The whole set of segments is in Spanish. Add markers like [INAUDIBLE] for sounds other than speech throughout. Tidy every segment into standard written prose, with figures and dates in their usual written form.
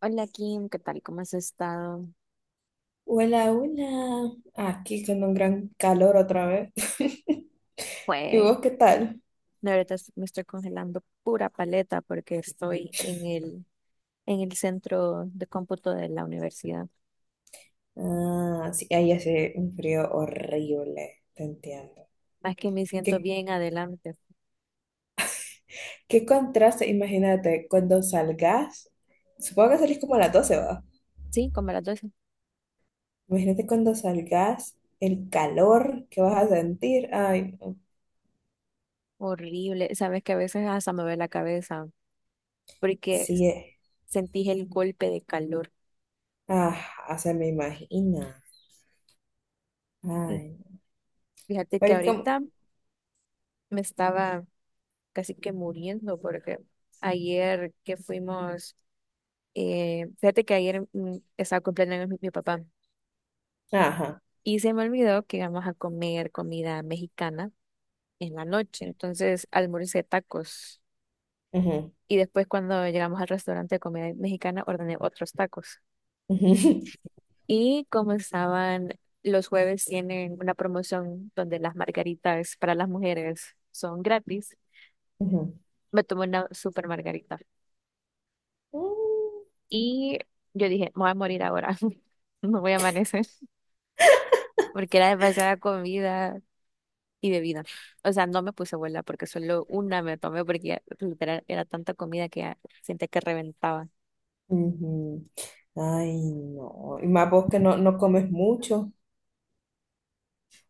Hola Kim, ¿qué tal? ¿Cómo has estado? Hola, hola. Aquí con un gran calor otra vez. [LAUGHS] ¿Y Fue, vos qué tal? de verdad me estoy congelando pura paleta porque estoy en el centro de cómputo de la universidad. Ah, sí, ahí hace un frío horrible, te entiendo. Más que me siento ¿Qué, bien adelante. qué contraste? Imagínate cuando salgas, supongo que salís como a las doce, ¿va? Sí, como a las 12. Imagínate cuando salgas, el calor que vas a sentir. Ay, no. Horrible. Sabes que a veces hasta me duele la cabeza porque Sí, eh. sentí el golpe de calor. Ah, se me imagina. Sí. Ay, no. Fíjate que Pero es como, ahorita me estaba casi que muriendo porque ayer que fuimos, fíjate que ayer estaba cumpliendo años mi papá. ajá, Y se me olvidó que íbamos a comer comida mexicana en la noche. Entonces almorcé tacos. ujú, Y después cuando llegamos al restaurante de comida mexicana, ordené otros tacos. ujú, Los jueves tienen una promoción donde las margaritas para las mujeres son gratis. [LAUGHS] ujú. Me tomé una super margarita. Mm. Y yo dije, me voy a morir ahora. [LAUGHS] No voy a amanecer. Porque era demasiada comida y bebida. O sea, no me puse abuela porque solo una me tomé porque ya, literal, era tanta comida que ya sentía que reventaba. Ujú. Ay, no. Y más vos que no, no comes mucho.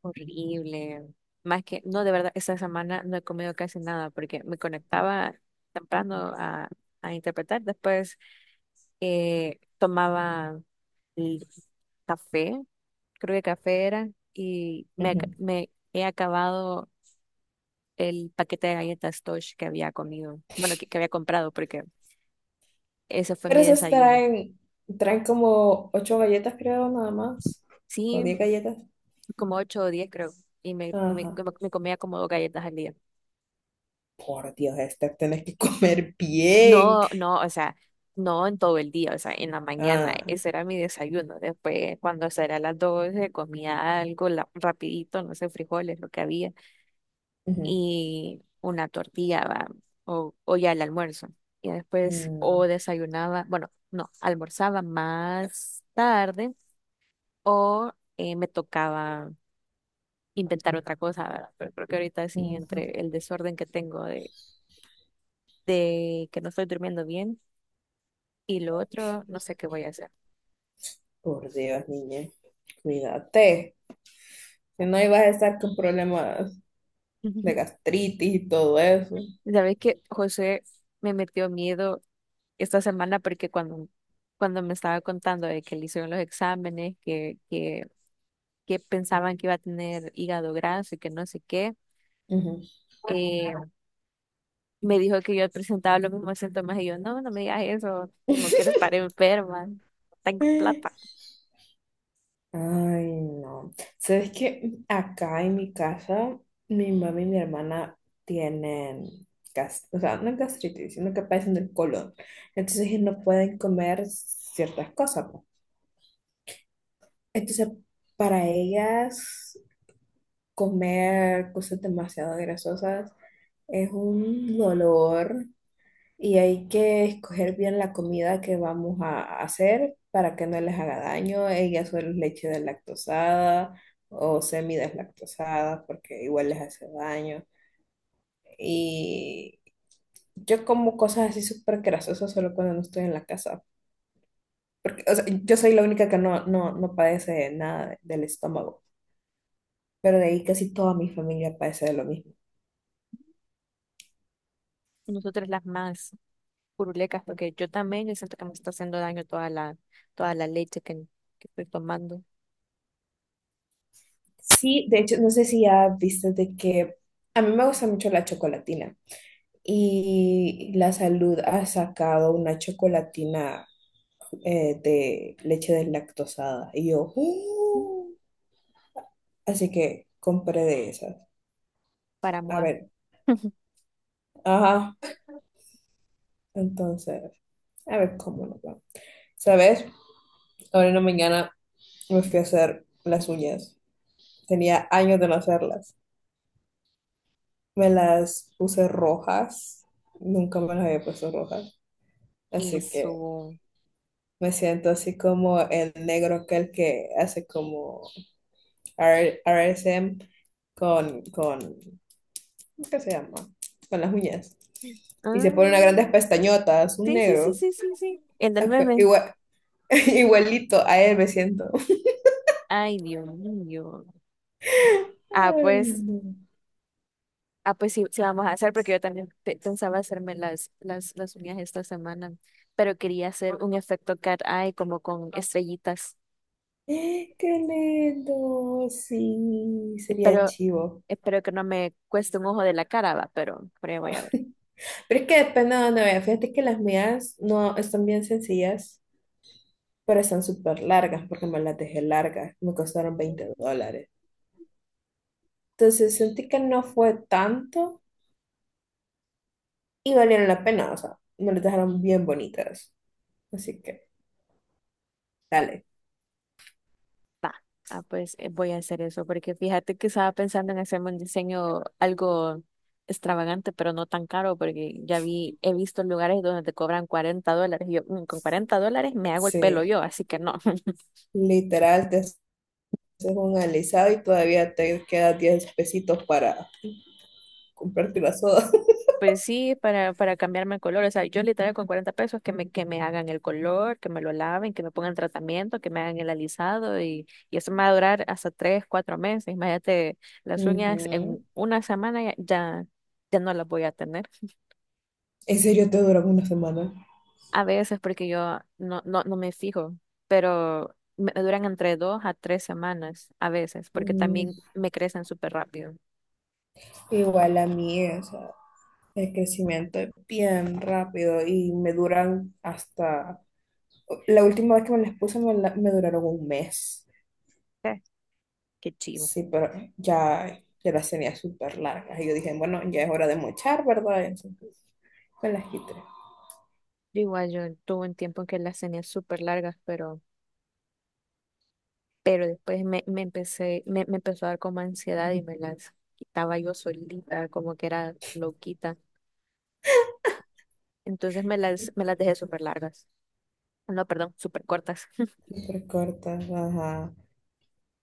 Horrible. Más que, no, de verdad, esta semana no he comido casi nada porque me conectaba temprano a interpretar. Después tomaba el café, creo que café era, y Ujú. me he acabado el paquete de galletas Tosh que había comido, bueno, que había comprado porque ese fue Pero mi esas desayuno. traen, como ocho galletas, creo, nada más. O Sí, diez galletas. como 8 o 10, creo. Y Ajá. Me comía como dos galletas al día. Por Dios, Esther, tenés que [LAUGHS] comer bien. No, no, o sea, no en todo el día, o sea, en la mañana. Ah. Ese era mi desayuno. Después, cuando será las 12, comía algo rapidito, no sé, frijoles, lo que había. Ujú. Y una tortilla, va, o ya el almuerzo. Y después, o Mm, desayunaba, bueno, no, almorzaba más tarde o me tocaba inventar otra cosa, ¿verdad? Pero creo que ahorita sí, ujú. entre el desorden que tengo de que no estoy durmiendo bien y lo otro, no sé qué voy a hacer. Por Dios, niña. Cuídate. Si no, ibas a estar con problemas de [LAUGHS] gastritis y todo eso. Sabes que José me metió miedo esta semana porque cuando me estaba contando de que le hicieron los exámenes, que pensaban que iba a tener hígado graso y que no sé qué, Ujú. eh, me dijo que yo presentaba los mismos síntomas y yo, no, no me digas eso, si no quiero [LAUGHS] estar enferma, no tengo plata. Ay, no. ¿Sabes qué? Acá en mi casa, mi mamá y mi hermana tienen gas, o sea, no gastritis, sino que padecen del colon. Entonces ellos no pueden comer ciertas cosas, pues. Entonces, para ellas, comer cosas demasiado grasosas es un dolor, y hay que escoger bien la comida que vamos a hacer para que no les haga daño. Ellas suelen leche deslactosada o semideslactosada porque igual les hace daño. Y yo como cosas así súper grasosas solo cuando no estoy en la casa. Porque, o sea, yo soy la única que no padece nada del estómago. Pero de ahí casi toda mi familia padece de lo mismo. Nosotros las más. Purulecas, porque yo también yo siento que me está haciendo daño toda la leche que estoy tomando Sí, de hecho, no sé si ya viste de que a mí me gusta mucho la chocolatina y la salud ha sacado una chocolatina, de leche deslactosada y yo, "Uh", así que compré de esas. para A moar. ver, [LAUGHS] ajá, entonces, a ver cómo nos va. ¿Sabes? Ahora en la mañana me fui a hacer las uñas. Tenía años de no hacerlas. Me las puse rojas, nunca me las había puesto rojas, Y así que su... me siento así como el negro aquel que hace como RSM con, ¿qué se llama? Con las uñas. Y se pone unas grandes Ah, pestañotas, un sí, sí, sí, negro. sí, sí, sí. El del Ah, meme. [LAUGHS] Igualito a él me siento. Ay, Dios mío. Ah, Ay, pues, no. ah, pues, sí, sí, vamos a hacer, porque yo también pensaba hacerme las uñas esta semana, pero quería hacer un efecto cat eye como con estrellitas. Qué lindo, sí, sería Espero, chivo. espero que no me cueste un ojo de la cara, va, pero ya voy a ver. Pero es que depende de dónde vaya. Fíjate que las mías no están bien sencillas, pero están súper largas porque me las dejé largas. Me costaron $20. Entonces sentí que no fue tanto y valieron la pena. O sea, me las dejaron bien bonitas. Así que, dale. Ah, pues voy a hacer eso, porque fíjate que estaba pensando en hacerme un diseño algo extravagante, pero no tan caro, porque he visto lugares donde te cobran 40 dólares. Y yo, "Mm, con 40 dólares me hago el pelo Sí, yo, así que no". [LAUGHS] literal, te haces un alisado y todavía te quedan 10 pesitos para comprarte la soda. Pues sí, para cambiarme el color. O sea, yo, literal, con 40 pesos que me hagan el color, que me lo laven, que me pongan tratamiento, que me hagan el alisado y eso me va a durar hasta 3 4 meses. Imagínate, [LAUGHS] las Ujú. uñas en una semana ya no las voy a tener. ¿En serio te duran una semana? A veces porque yo no me fijo, pero me duran entre 2 a 3 semanas a veces, porque Mm, también me crecen súper rápido. igual a mí, o sea. El crecimiento es bien rápido y me duran hasta... La última vez que me las puse me duraron un mes. Sí. Qué chido. Sí, pero ya las tenía súper largas. Y yo dije, bueno, ya es hora de mochar, ¿verdad? Entonces me las quité. Yo Igual yo tuve un tiempo en que las tenía súper largas, pero, después me empezó a dar como ansiedad y me las quitaba yo solita, como que era loquita. Entonces me las dejé súper largas. No, perdón, súper cortas. Súper cortas, ajá.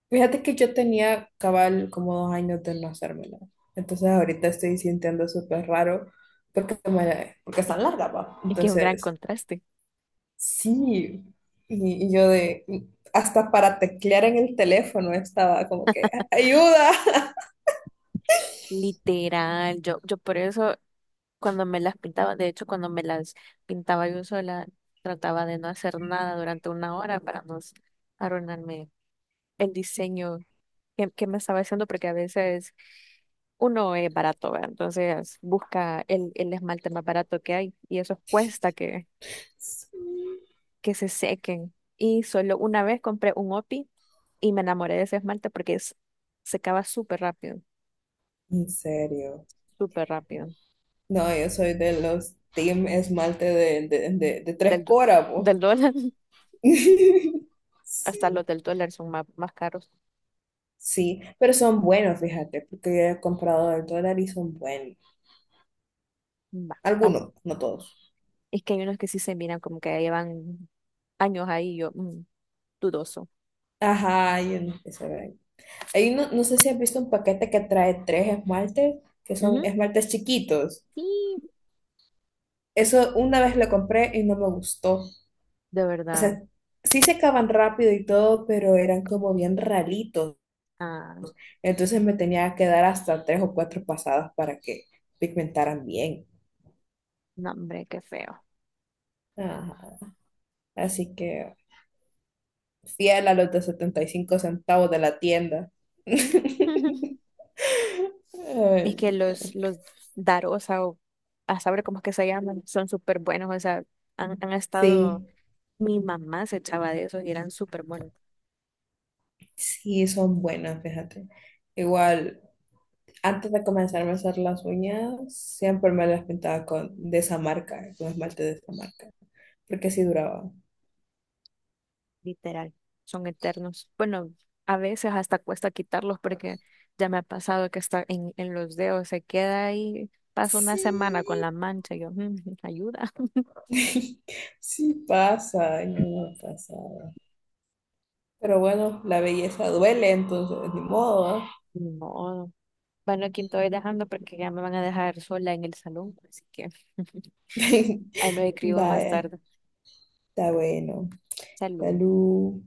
Fíjate que yo tenía cabal como 2 años de no hacérmela. Entonces ahorita estoy sintiendo súper raro porque están largas, ¿va? [LAUGHS] Es que es un gran Entonces... contraste. Sí, y yo hasta para teclear en el teléfono estaba como que, ayuda. [LAUGHS] Literal, yo por eso cuando me las pintaba, de hecho, cuando me las pintaba yo sola, trataba de no hacer nada durante una hora para no arruinarme el diseño que me estaba haciendo, porque a veces uno es barato, ¿verdad? Entonces busca el esmalte más barato que hay y eso cuesta que, Sí. que se sequen. Y solo una vez compré un OPI y me enamoré de ese esmalte porque secaba súper rápido, En serio. súper rápido. No, yo soy de los team esmalte de tres Del, do- coras, po. del dólar. [LAUGHS] [LAUGHS] Hasta Sí. los del dólar son más caros. Sí, pero son buenos, fíjate, porque yo he comprado al dólar y son buenos. Va. Algunos, no todos. Es que hay unos que sí se miran como que llevan años ahí, yo, dudoso. Ajá, yo no sé saber. Ahí no, no sé si has visto un paquete que trae tres esmaltes, que son Ujú, esmaltes chiquitos. sí, Eso una vez lo compré y no me gustó. de O verdad. sea, sí se acaban rápido y todo, pero eran como bien ralitos. Ah, Entonces me tenía que dar hasta tres o cuatro pasadas para que pigmentaran bien. no, hombre, qué feo. Ajá. Así que fiel a los de 75 centavos de la tienda. [LAUGHS] [LAUGHS] Ay. Es que los Darosa, o a saber cómo es que se llaman, son súper buenos, o sea, han estado, Sí, mi mamá se echaba de esos y eran súper buenos. sí, son buenas, fíjate. Igual, antes de comenzarme a hacer las uñas, siempre me las pintaba con, de esa marca, con esmalte de esa marca, porque sí duraba. Literal, son eternos. Bueno, a veces hasta cuesta quitarlos porque ya me ha pasado que está en los dedos, se queda ahí, paso una Sí, semana con la mancha, yo, "Mm, ayuda". [LAUGHS] [LAUGHS] sí pasa, ay, no me ha pasado. Pero bueno, la belleza duele, entonces ni modo, ¿ah? Ni modo. Bueno, aquí te voy dejando porque ya me van a dejar sola en el salón, así que [LAUGHS] [LAUGHS] ahí nos escribo más Vaya, tarde. está bueno. Salud. Salud.